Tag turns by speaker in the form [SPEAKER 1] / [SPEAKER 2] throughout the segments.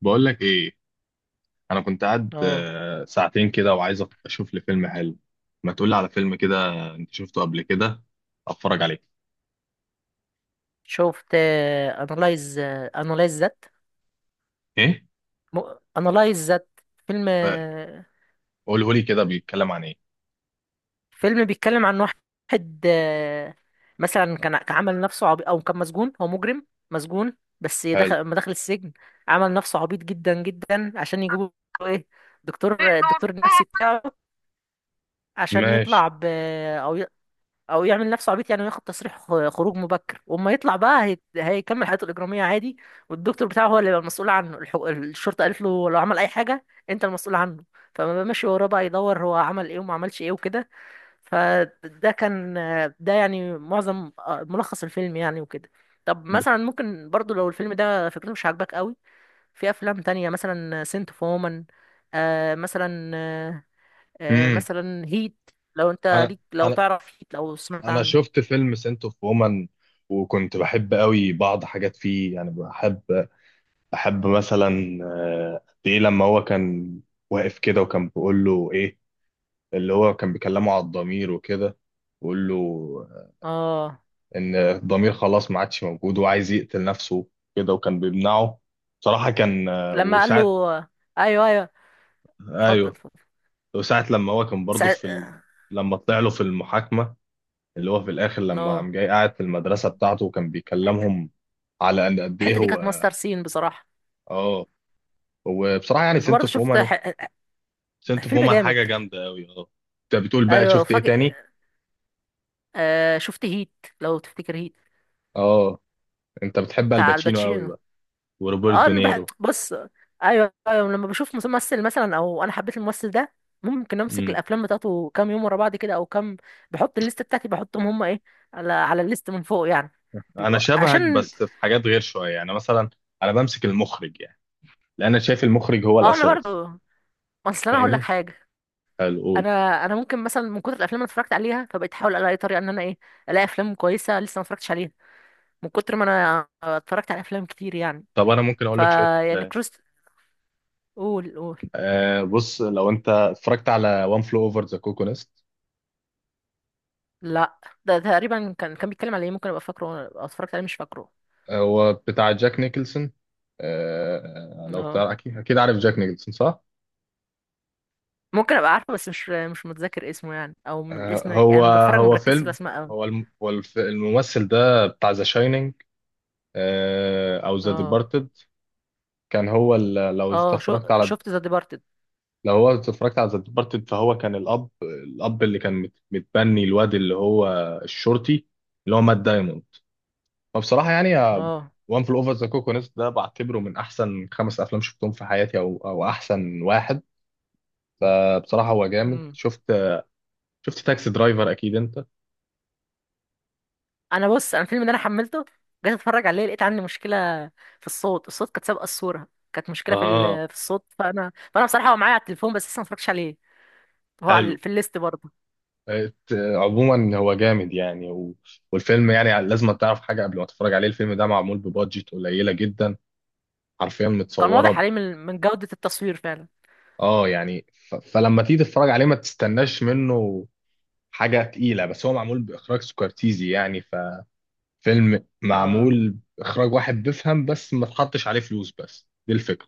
[SPEAKER 1] بقول لك ايه. انا كنت قاعد
[SPEAKER 2] اه،
[SPEAKER 1] ساعتين كده، وعايز اشوف لي فيلم حلو. ما تقول لي على فيلم كده انت شفته قبل كده؟ اتفرج عليه.
[SPEAKER 2] شفت انالايز. انالايز ذات
[SPEAKER 1] ايه؟
[SPEAKER 2] انالايز ذات فيلم.
[SPEAKER 1] آه. قوله لي كده، بيتكلم عن ايه؟
[SPEAKER 2] فيلم بيتكلم عن واحد. آه، مثلا كان عمل نفسه عبيط، او كان مسجون. هو مجرم مسجون بس
[SPEAKER 1] حلو.
[SPEAKER 2] دخل، لما دخل السجن عمل نفسه عبيط جدا جدا عشان يجيبوا ايه، دكتور، الدكتور النفسي بتاعه، عشان
[SPEAKER 1] ماشي.
[SPEAKER 2] يطلع ب او يعمل نفسه عبيط يعني وياخد تصريح خروج مبكر، واما يطلع بقى هيكمل حياته الاجراميه عادي. والدكتور بتاعه هو اللي يبقى المسؤول عنه. الشرطه قالت له لو عمل اي حاجه انت المسؤول عنه. فما ماشي وراه بقى يدور هو عمل ايه وما عملش ايه وكده. فده كان، ده يعني معظم، ملخص الفيلم يعني وكده. طب مثلا ممكن برضو لو الفيلم ده فكرته مش عاجباك قوي، في افلام تانية مثلا سنت فومن. مثلا،
[SPEAKER 1] امم.
[SPEAKER 2] مثلا هيت. لو انت
[SPEAKER 1] انا
[SPEAKER 2] ليك، لو
[SPEAKER 1] انا
[SPEAKER 2] تعرف هيت، لو سمعت
[SPEAKER 1] انا
[SPEAKER 2] عنه.
[SPEAKER 1] شفت فيلم سنت اوف وومن، وكنت بحب قوي بعض حاجات فيه، يعني بحب مثلا قد ايه لما هو كان واقف كده وكان بيقول له ايه. اللي هو كان بيكلمه على الضمير وكده، بيقول له
[SPEAKER 2] اه.
[SPEAKER 1] ان الضمير خلاص ما عادش موجود وعايز يقتل نفسه كده وكان بيمنعه. بصراحة كان
[SPEAKER 2] لما قال له،
[SPEAKER 1] وساعة.
[SPEAKER 2] ايوه ايوه، اتفضل
[SPEAKER 1] ايوه.
[SPEAKER 2] اتفضل.
[SPEAKER 1] وساعة لما هو كان برضه
[SPEAKER 2] سع...
[SPEAKER 1] في لما طلع له في المحاكمة، اللي هو في الاخر
[SPEAKER 2] نو.
[SPEAKER 1] لما قام جاي قاعد في المدرسة بتاعته وكان بيكلمهم على ان قد ايه
[SPEAKER 2] الحته دي كانت
[SPEAKER 1] هو.
[SPEAKER 2] ماستر سين بصراحه.
[SPEAKER 1] اه. وبصراحة يعني سنت
[SPEAKER 2] برضه
[SPEAKER 1] اوف
[SPEAKER 2] شفت
[SPEAKER 1] وومن،
[SPEAKER 2] ح...
[SPEAKER 1] سنت اوف
[SPEAKER 2] فيلم
[SPEAKER 1] وومن
[SPEAKER 2] جامد.
[SPEAKER 1] حاجة جامدة قوي. اه. انت بتقول بقى
[SPEAKER 2] ايوه،
[SPEAKER 1] شفت ايه
[SPEAKER 2] فجأة،
[SPEAKER 1] تاني؟
[SPEAKER 2] شفت هيت، لو تفتكر هيت،
[SPEAKER 1] اه، انت بتحب
[SPEAKER 2] بتاع
[SPEAKER 1] الباتشينو قوي
[SPEAKER 2] الباتشينو.
[SPEAKER 1] بقى وروبرت
[SPEAKER 2] اه أنا
[SPEAKER 1] دونيرو.
[SPEAKER 2] بص، ايوه ايوه، لما بشوف ممثل مثلا او انا حبيت الممثل ده، ممكن امسك الافلام بتاعته كام يوم ورا بعض كده، او كام، بحط الليست بتاعتي، بحطهم هم ايه، على الليست من فوق يعني.
[SPEAKER 1] انا شبهك
[SPEAKER 2] عشان،
[SPEAKER 1] بس في حاجات غير شويه، يعني مثلا انا بمسك المخرج، يعني لان انا شايف المخرج هو
[SPEAKER 2] اه انا
[SPEAKER 1] الاساس.
[SPEAKER 2] برضه، اصل انا هقول لك
[SPEAKER 1] فاهمني؟
[SPEAKER 2] حاجه.
[SPEAKER 1] حلو، قول.
[SPEAKER 2] انا انا ممكن مثلا من كتر الافلام اللي اتفرجت عليها، فبقيت احاول الاقي طريقه ان انا ايه، الاقي افلام كويسه لسه ما اتفرجتش عليها، من كتر ما انا اتفرجت على افلام كتير يعني.
[SPEAKER 1] طب انا ممكن اقول
[SPEAKER 2] فا
[SPEAKER 1] لك شويه
[SPEAKER 2] يعني
[SPEAKER 1] افلام.
[SPEAKER 2] كروس. قول قول.
[SPEAKER 1] آه بص، لو انت اتفرجت على وان فلو اوفر ذا كوكو نست.
[SPEAKER 2] لا، ده تقريبا كان بيتكلم على ايه، ممكن ابقى فاكره او اتفرجت عليه مش فاكره.
[SPEAKER 1] هو بتاع جاك نيكلسون. آه لو
[SPEAKER 2] no.
[SPEAKER 1] تعرف اكيد اكيد عارف جاك نيكلسون صح.
[SPEAKER 2] ممكن ابقى عارفه بس مش متذكر اسمه يعني، او من
[SPEAKER 1] آه
[SPEAKER 2] الاسم يعني
[SPEAKER 1] هو
[SPEAKER 2] لما بتفرج ما
[SPEAKER 1] هو
[SPEAKER 2] بركزش في
[SPEAKER 1] فيلم.
[SPEAKER 2] الاسماء قوي.
[SPEAKER 1] هو الم- هو الف- الممثل ده بتاع ذا شاينينج او ذا
[SPEAKER 2] اه.
[SPEAKER 1] ديبارتد. كان هو ال- لو انت
[SPEAKER 2] اه شو
[SPEAKER 1] اتفرجت على
[SPEAKER 2] شفت ذا ديبارتد.
[SPEAKER 1] لو هو اتفرجت على ذا ديبارتد، فهو كان الاب اللي كان متبني الواد اللي هو الشرطي اللي هو مات دايموند. فبصراحه يعني
[SPEAKER 2] اه
[SPEAKER 1] وان فل اوفر ذا كوكونس ده بعتبره من احسن خمس افلام شفتهم في حياتي، او احسن واحد. فبصراحه هو جامد. شفت تاكسي درايفر اكيد انت.
[SPEAKER 2] انا بص، انا الفيلم ده انا حملته، جيت اتفرج عليه لقيت عندي مشكله في الصوت. كانت سابقه الصوره، كانت مشكله في
[SPEAKER 1] اه.
[SPEAKER 2] في الصوت. فانا بصراحه هو معايا على التليفون بس لسه ما اتفرجتش عليه. هو
[SPEAKER 1] حلو.
[SPEAKER 2] على في الليست برضه.
[SPEAKER 1] عموما هو جامد يعني والفيلم. يعني لازم تعرف حاجه قبل ما تتفرج عليه، الفيلم ده معمول ببادجت قليله جدا، حرفيا
[SPEAKER 2] كان واضح
[SPEAKER 1] متصوره.
[SPEAKER 2] عليه من جوده التصوير فعلا.
[SPEAKER 1] اه يعني فلما تيجي تتفرج عليه ما تستناش منه حاجة تقيلة، بس هو معمول بإخراج سكورتيزي يعني. ففيلم
[SPEAKER 2] اه.
[SPEAKER 1] معمول إخراج واحد بيفهم، بس ما تحطش عليه فلوس. بس دي الفكرة.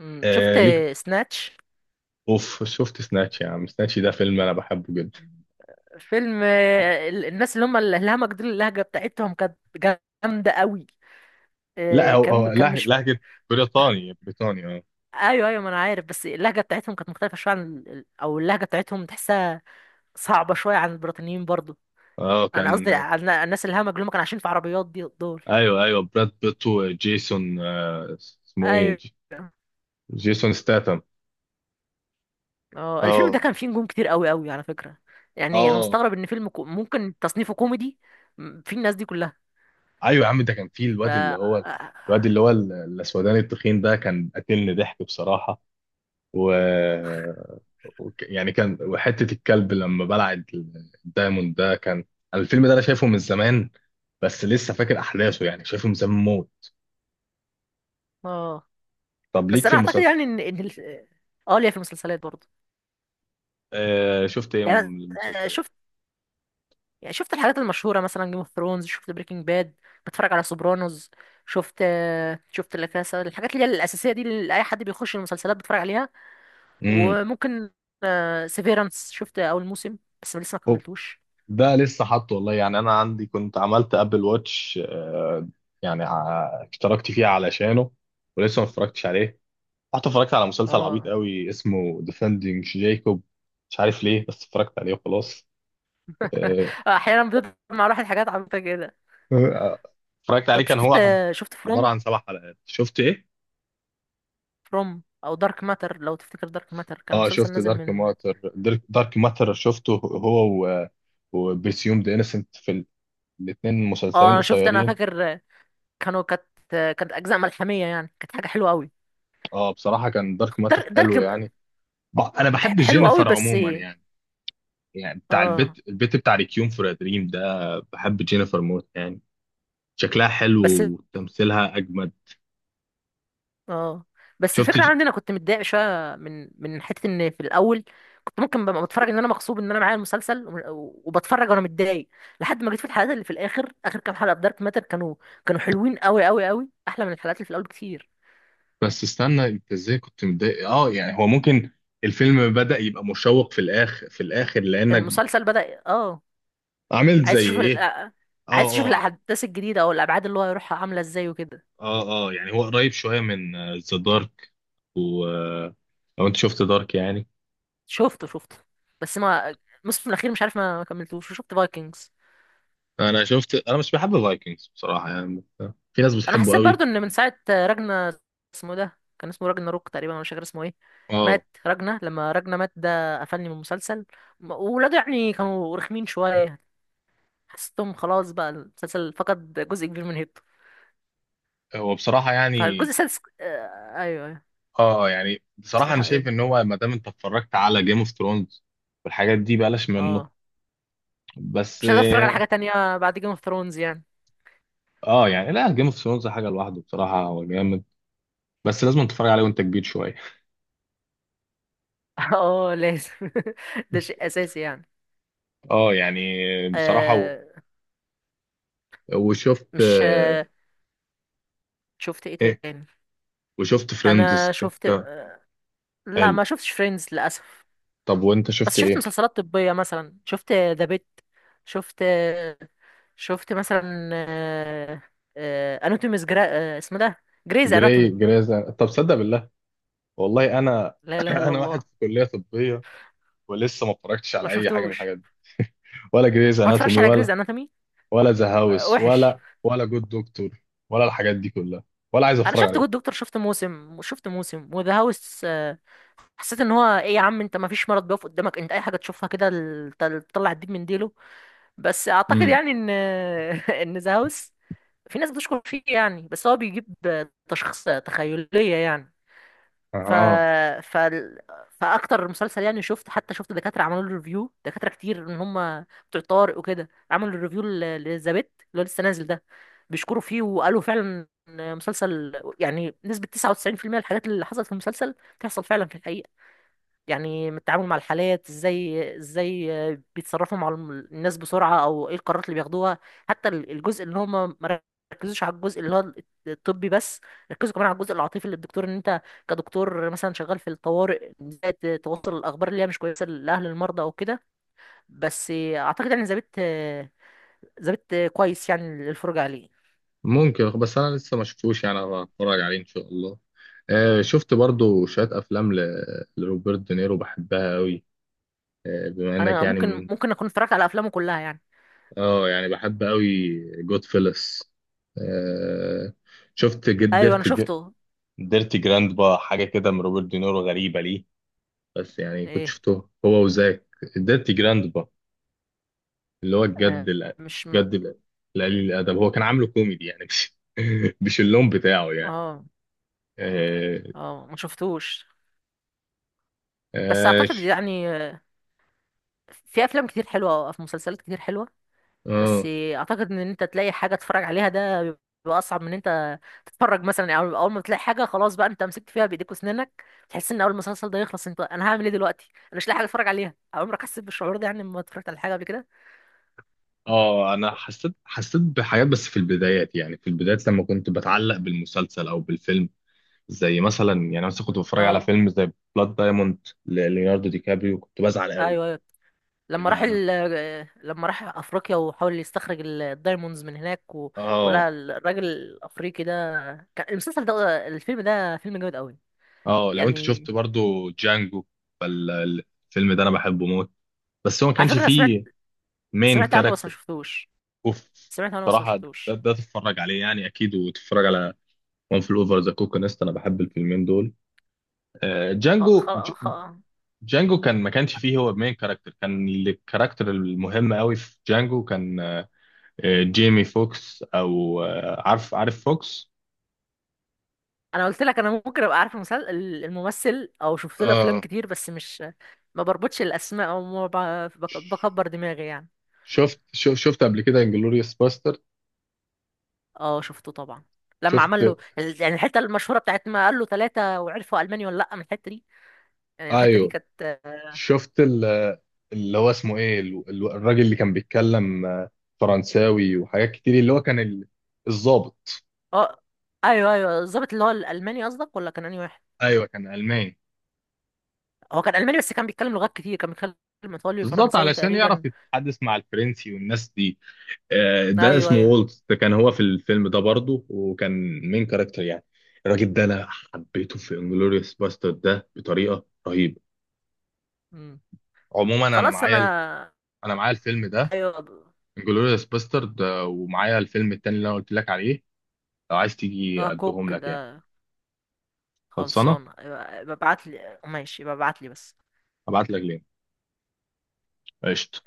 [SPEAKER 2] شفت
[SPEAKER 1] آه ليك.
[SPEAKER 2] سناتش.
[SPEAKER 1] اوف، شفت سناتش؟ يا عم سناتش ده فيلم انا بحبه جدا.
[SPEAKER 2] فيلم، الناس اللي هم الهمج دول، اللهجه بتاعتهم كانت جامده قوي.
[SPEAKER 1] لا،
[SPEAKER 2] آه،
[SPEAKER 1] هو
[SPEAKER 2] كان
[SPEAKER 1] هو
[SPEAKER 2] كان مش،
[SPEAKER 1] لهجة بريطاني بريطاني اه.
[SPEAKER 2] ايوه ايوه ما انا عارف، بس اللهجه بتاعتهم كانت مختلفه شويه عن او اللهجه بتاعتهم تحسها صعبه شويه عن البريطانيين برضه.
[SPEAKER 1] اه
[SPEAKER 2] انا قصدي
[SPEAKER 1] كان.
[SPEAKER 2] على الناس الهمج اللي هم كانوا عايشين في عربيات دي دول.
[SPEAKER 1] ايوه ايوه، براد بيت وجيسون آه، اسمه ايه
[SPEAKER 2] ايوه.
[SPEAKER 1] جيسون ستاتم.
[SPEAKER 2] اه الفيلم ده
[SPEAKER 1] اه
[SPEAKER 2] كان فيه نجوم كتير قوي قوي على فكرة. يعني انا
[SPEAKER 1] اه.
[SPEAKER 2] مستغرب ان فيلم ممكن تصنيفه كوميدي، فيه الناس دي كلها.
[SPEAKER 1] ايوه يا عم، ده كان فيه
[SPEAKER 2] ف،
[SPEAKER 1] الواد اللي هو الواد اللي هو الاسوداني التخين ده، كان قاتلني ضحك بصراحه. و... يعني كان وحته الكلب لما بلع الدايموند ده كان. أنا الفيلم ده انا شايفه من زمان، بس لسه فاكر احداثه، يعني شايفه من زمان موت.
[SPEAKER 2] اه
[SPEAKER 1] طب
[SPEAKER 2] بس
[SPEAKER 1] ليك في
[SPEAKER 2] انا اعتقد
[SPEAKER 1] المسلسل؟
[SPEAKER 2] يعني ان اه ليا في المسلسلات برضه
[SPEAKER 1] آه شفت ايه
[SPEAKER 2] يعني.
[SPEAKER 1] من المسلسلات؟
[SPEAKER 2] شفت، يعني شفت الحاجات المشهورة، مثلا جيم اوف ثرونز، شفت بريكنج باد، بتفرج على سوبرانوز، شفت، شفت لا كاسا، الحاجات اللي هي الأساسية دي اللي أي حد بيخش المسلسلات بيتفرج عليها.
[SPEAKER 1] امم.
[SPEAKER 2] وممكن، سيفيرانس شفت اول موسم بس لسه ما
[SPEAKER 1] هو
[SPEAKER 2] كملتوش.
[SPEAKER 1] ده لسه حاطه والله، يعني انا عندي كنت عملت ابل واتش يعني اشتركت فيه علشانه، ولسه ما اتفرجتش عليه. رحت اتفرجت على مسلسل عبيط
[SPEAKER 2] اه.
[SPEAKER 1] قوي اسمه ديفندينج جايكوب، مش عارف ليه، بس اتفرجت عليه وخلاص. آه،
[SPEAKER 2] احيانا بتطلع مع الواحد حاجات عبيطه كده.
[SPEAKER 1] آه، اتفرجت عليه،
[SPEAKER 2] طب
[SPEAKER 1] كان
[SPEAKER 2] شفت،
[SPEAKER 1] هو عبارة
[SPEAKER 2] فروم،
[SPEAKER 1] عن سبع حلقات. شفت ايه؟
[SPEAKER 2] فروم او دارك ماتر، لو تفتكر دارك ماتر كان
[SPEAKER 1] اه
[SPEAKER 2] مسلسل
[SPEAKER 1] شفت
[SPEAKER 2] نازل
[SPEAKER 1] دارك
[SPEAKER 2] من،
[SPEAKER 1] ماتر. دارك ماتر شفته هو وبرسيوم ذا انسنت في. الاثنين
[SPEAKER 2] اه
[SPEAKER 1] مسلسلين
[SPEAKER 2] انا شفت، انا
[SPEAKER 1] قصيرين.
[SPEAKER 2] فاكر كانوا كانت، كانت اجزاء ملحميه يعني، كانت حاجه حلوه قوي.
[SPEAKER 1] اه بصراحة كان دارك ماتر
[SPEAKER 2] دارك
[SPEAKER 1] حلو
[SPEAKER 2] دارك
[SPEAKER 1] يعني. انا بحب
[SPEAKER 2] حلو قوي.
[SPEAKER 1] جينيفر
[SPEAKER 2] بس
[SPEAKER 1] عموما يعني. يعني بتاع
[SPEAKER 2] اه،
[SPEAKER 1] البيت البيت بتاع ريكيوم فور دريم ده، بحب جينيفر موت يعني، شكلها حلو
[SPEAKER 2] بس
[SPEAKER 1] وتمثيلها اجمد.
[SPEAKER 2] اه، بس
[SPEAKER 1] شفت
[SPEAKER 2] الفكره
[SPEAKER 1] ج...
[SPEAKER 2] عندي انا كنت متضايق شويه من حته ان في الاول كنت ممكن ببقى بتفرج ان انا مغصوب ان انا معايا المسلسل، وبتفرج وانا متضايق، لحد ما جيت في الحلقات اللي في الاخر، اخر كام حلقه في دارك ماتر كانوا، كانوا حلوين قوي قوي قوي، احلى من الحلقات اللي في الاول بكتير.
[SPEAKER 1] بس استنى، انت ازاي كنت متضايق؟ اه يعني هو ممكن الفيلم بدأ يبقى مشوق في الاخر لانك
[SPEAKER 2] المسلسل بدأ اه.
[SPEAKER 1] عملت زي
[SPEAKER 2] عايز تشوف
[SPEAKER 1] ايه.
[SPEAKER 2] عايز تشوف
[SPEAKER 1] اه اه.
[SPEAKER 2] الاحداث الجديده او الابعاد اللي هو هيروحها عامله ازاي وكده.
[SPEAKER 1] اه اه، يعني هو قريب شوية من ذا دارك، و لو انت شفت دارك يعني.
[SPEAKER 2] شفته شفته، بس ما، الموسم الاخير مش عارف، ما كملتوش. وشفت فايكنجز.
[SPEAKER 1] انا مش بحب فايكنجز بصراحة يعني، بس في ناس
[SPEAKER 2] انا
[SPEAKER 1] بتحبه
[SPEAKER 2] حسيت
[SPEAKER 1] قوي.
[SPEAKER 2] برضو ان من ساعه راجنا، اسمه إيه ده، كان اسمه راجنا روك تقريبا، أنا مش فاكر اسمه ايه.
[SPEAKER 1] اه.
[SPEAKER 2] مات راجنا، لما راجنا مات ده قفلني من المسلسل. وولاده يعني كانوا رخمين شويه، حسيتهم خلاص بقى المسلسل فقد جزء كبير من هيبته.
[SPEAKER 1] هو بصراحة يعني.
[SPEAKER 2] فالجزء السادس، ايوه ايوه.
[SPEAKER 1] اه يعني بصراحة انا
[SPEAKER 2] بصراحه
[SPEAKER 1] شايف
[SPEAKER 2] ايه.
[SPEAKER 1] ان هو ما دام انت اتفرجت على جيم اوف ثرونز والحاجات دي، بلاش منه.
[SPEAKER 2] اه،
[SPEAKER 1] بس.
[SPEAKER 2] مش هقدر اتفرج على حاجه تانية بعد جيم اوف ثرونز يعني.
[SPEAKER 1] اه يعني لا، جيم اوف ثرونز حاجه لوحده بصراحه هو جامد، بس لازم تتفرج عليه وانت كبير شويه.
[SPEAKER 2] اه لازم. ده شيء اساسي يعني.
[SPEAKER 1] اه يعني. بصراحه
[SPEAKER 2] آه
[SPEAKER 1] وشفت
[SPEAKER 2] مش آه شفت ايه
[SPEAKER 1] ايه،
[SPEAKER 2] تاني.
[SPEAKER 1] وشفت فريندز.
[SPEAKER 2] انا شفت، لا
[SPEAKER 1] حلو،
[SPEAKER 2] ما شفتش فريندز للاسف.
[SPEAKER 1] طب وانت
[SPEAKER 2] بس
[SPEAKER 1] شفت
[SPEAKER 2] شفت
[SPEAKER 1] ايه؟
[SPEAKER 2] مسلسلات طبية، مثلا شفت ذا بيت، شفت، شفت مثلا، اناتوميز جرا... اسمه ده جريز اناتومي.
[SPEAKER 1] طب صدق بالله، والله انا
[SPEAKER 2] لا اله الا
[SPEAKER 1] انا واحد
[SPEAKER 2] الله.
[SPEAKER 1] في كليه طبيه ولسه ما اتفرجتش
[SPEAKER 2] ما
[SPEAKER 1] على اي حاجه من
[SPEAKER 2] شفتوش،
[SPEAKER 1] الحاجات دي، ولا جريز
[SPEAKER 2] ما اتفرجش
[SPEAKER 1] اناتومي،
[SPEAKER 2] على جريز
[SPEAKER 1] ولا
[SPEAKER 2] اناتومي.
[SPEAKER 1] ولا ذا هاوس،
[SPEAKER 2] وحش.
[SPEAKER 1] ولا جود دكتور، ولا الحاجات دي كلها، ولا عايز
[SPEAKER 2] انا
[SPEAKER 1] اتفرج
[SPEAKER 2] شفت
[SPEAKER 1] عليهم.
[SPEAKER 2] جود دكتور، شفت موسم، وشفت موسم، وذا هاوس. حسيت ان هو ايه يا عم، انت ما فيش مرض بيقف قدامك، انت اي حاجه تشوفها كده تطلع الدين من ديله. بس اعتقد
[SPEAKER 1] امم.
[SPEAKER 2] يعني ان ان ذا هاوس في ناس بتشكر فيه يعني، بس هو بيجيب تشخيص تخيليه يعني. ف...
[SPEAKER 1] اها.
[SPEAKER 2] ف... فاكتر مسلسل يعني، شفت حتى، شفت دكاتره عملوا له ريفيو، دكاتره كتير ان هم بتوع طارق وكده، عملوا ريفيو للزبيت اللي هو لسه نازل ده، بيشكروا فيه وقالوا فعلا إن مسلسل يعني نسبه 99% الحاجات اللي حصلت في المسلسل تحصل فعلا في الحقيقه. يعني من التعامل مع الحالات ازاي، بيتصرفوا مع الناس بسرعة، او ايه القرارات اللي بياخدوها. حتى الجزء اللي هم ما ركزوش على الجزء اللي هو الطبي بس، ركزوا كمان على الجزء العاطفي للدكتور. ان انت كدكتور مثلا شغال في الطوارئ ازاي توصل الاخبار اللي هي مش كويسة لاهل المرضى او كده. بس اعتقد يعني ذابت كويس يعني للفرجة عليه.
[SPEAKER 1] ممكن، بس انا لسه ما شفتوش يعني، هتفرج عليه ان شاء الله. آه شفت برضو شويه افلام لروبرت دينيرو بحبها قوي. آه بما انك
[SPEAKER 2] انا
[SPEAKER 1] يعني
[SPEAKER 2] ممكن
[SPEAKER 1] من.
[SPEAKER 2] ممكن اكون اتفرجت على افلامه كلها يعني.
[SPEAKER 1] اه يعني بحب قوي جود فيلس. آه شفت
[SPEAKER 2] ايوه انا شفته.
[SPEAKER 1] ديرتي جراند بقى حاجه كده من روبرت دينيرو غريبه ليه. بس يعني كنت
[SPEAKER 2] ايه،
[SPEAKER 1] شفته هو وزاك. ديرتي جراند بقى، اللي هو الجد
[SPEAKER 2] آه،
[SPEAKER 1] الأ-
[SPEAKER 2] مش م...
[SPEAKER 1] الجد الأ- القليل الادب، هو كان عامله كوميدي يعني، مش مش اللون بتاعه يعني.
[SPEAKER 2] اه
[SPEAKER 1] آه،
[SPEAKER 2] اه ما شفتوش. بس
[SPEAKER 1] آه،
[SPEAKER 2] اعتقد يعني في افلام كتير حلوه، او في مسلسلات كتير حلوه. بس
[SPEAKER 1] اه.
[SPEAKER 2] اعتقد ان انت تلاقي حاجه تتفرج عليها ده بيبقى اصعب من ان انت تتفرج. مثلا يعني اول ما تلاقي حاجه، خلاص بقى انت مسكت فيها بايديك واسنانك. تحس ان اول ما المسلسل ده يخلص، انت انا هعمل ايه دلوقتي، انا مش لاقي حاجه اتفرج عليها. عمرك حسيت بالشعور ده يعني لما اتفرجت على حاجه قبل كده؟
[SPEAKER 1] اه انا حسيت بحاجات، بس في البدايات، يعني في البدايات لما كنت بتعلق بالمسلسل او بالفيلم. زي مثلا، يعني مثلا كنت بتفرج على
[SPEAKER 2] اه،
[SPEAKER 1] فيلم زي بلاد دايموند لليوناردو دي كابريو كنت بزعل قوي.
[SPEAKER 2] ايوه ايوه.
[SPEAKER 1] ايه
[SPEAKER 2] لما راح
[SPEAKER 1] ده انا.
[SPEAKER 2] لما راح افريقيا وحاول يستخرج الدايموندز من هناك و...
[SPEAKER 1] اه
[SPEAKER 2] ولقى الراجل الافريقي ده. كان المسلسل ده، الفيلم ده فيلم جامد قوي
[SPEAKER 1] اه، لو انت
[SPEAKER 2] يعني.
[SPEAKER 1] شفت برضو جانجو فالفيلم ده انا بحبه موت، بس هو ما
[SPEAKER 2] على
[SPEAKER 1] كانش
[SPEAKER 2] فكرة أنا سمعت،
[SPEAKER 1] فيه مين
[SPEAKER 2] سمعت عنه بس ما
[SPEAKER 1] كاركتر.
[SPEAKER 2] شفتوش،
[SPEAKER 1] اوف.
[SPEAKER 2] سمعت عنه بس ما
[SPEAKER 1] بصراحة ده,
[SPEAKER 2] شفتوش.
[SPEAKER 1] ده تتفرج عليه يعني اكيد، وتتفرج على وان فل اوفر ذا كوكونست. انا بحب الفيلمين دول.
[SPEAKER 2] خ...
[SPEAKER 1] جانجو.
[SPEAKER 2] خ... خ...
[SPEAKER 1] جانجو ما كانش فيه هو المين كاركتر. كان الكاركتر المهم قوي في جانجو كان جيمي فوكس، او عارف فوكس.
[SPEAKER 2] أنا قلت لك أنا ممكن أبقى عارف الممثل، أو شفت له أفلام
[SPEAKER 1] اه
[SPEAKER 2] كتير، بس مش، ما بربطش الأسماء، أو ما بكبر دماغي يعني.
[SPEAKER 1] شفت قبل كده انجلوريوس باستر؟
[SPEAKER 2] أه شفته طبعا. لما
[SPEAKER 1] شفت.
[SPEAKER 2] عمل له يعني الحتة المشهورة بتاعت ما قال له ثلاثة، وعرفوا ألماني ولا لأ من الحتة دي. يعني الحتة دي
[SPEAKER 1] ايوه
[SPEAKER 2] كانت أه.
[SPEAKER 1] شفت اللي هو اسمه ايه، الراجل اللي كان بيتكلم فرنساوي وحاجات كتير، اللي هو كان الضابط.
[SPEAKER 2] آه، أيوه أيوه، الظابط اللي هو الألماني قصدك، ولا كان أنهي واحد؟
[SPEAKER 1] ايوه كان الماني.
[SPEAKER 2] هو كان ألماني بس كان بيتكلم لغات كتير، كان بيتكلم إيطالي
[SPEAKER 1] بالظبط
[SPEAKER 2] وفرنساوي
[SPEAKER 1] علشان يعرف
[SPEAKER 2] تقريبا.
[SPEAKER 1] يتحدث مع الفرنسي والناس دي. ده اسمه
[SPEAKER 2] أيوه
[SPEAKER 1] وولت. ده كان هو في الفيلم ده برضه وكان مين كاركتر يعني. الراجل ده انا حبيته في انجلوريوس باسترد ده بطريقه رهيبه.
[SPEAKER 2] أيوه.
[SPEAKER 1] عموما انا
[SPEAKER 2] خلاص
[SPEAKER 1] معايا
[SPEAKER 2] انا،
[SPEAKER 1] انا معايا الفيلم ده،
[SPEAKER 2] ايوه اللي
[SPEAKER 1] انجلوريوس باسترد، ومعايا الفيلم التاني اللي انا قلت لك عليه. لو عايز
[SPEAKER 2] هو
[SPEAKER 1] تيجي اديهم
[SPEAKER 2] كوك
[SPEAKER 1] لك يعني.
[SPEAKER 2] ده.
[SPEAKER 1] خلصانه.
[SPEAKER 2] خلصان، ايوه ببعت لي، ماشي ببعت لي بس.
[SPEAKER 1] هبعت لك لينك. قشطه.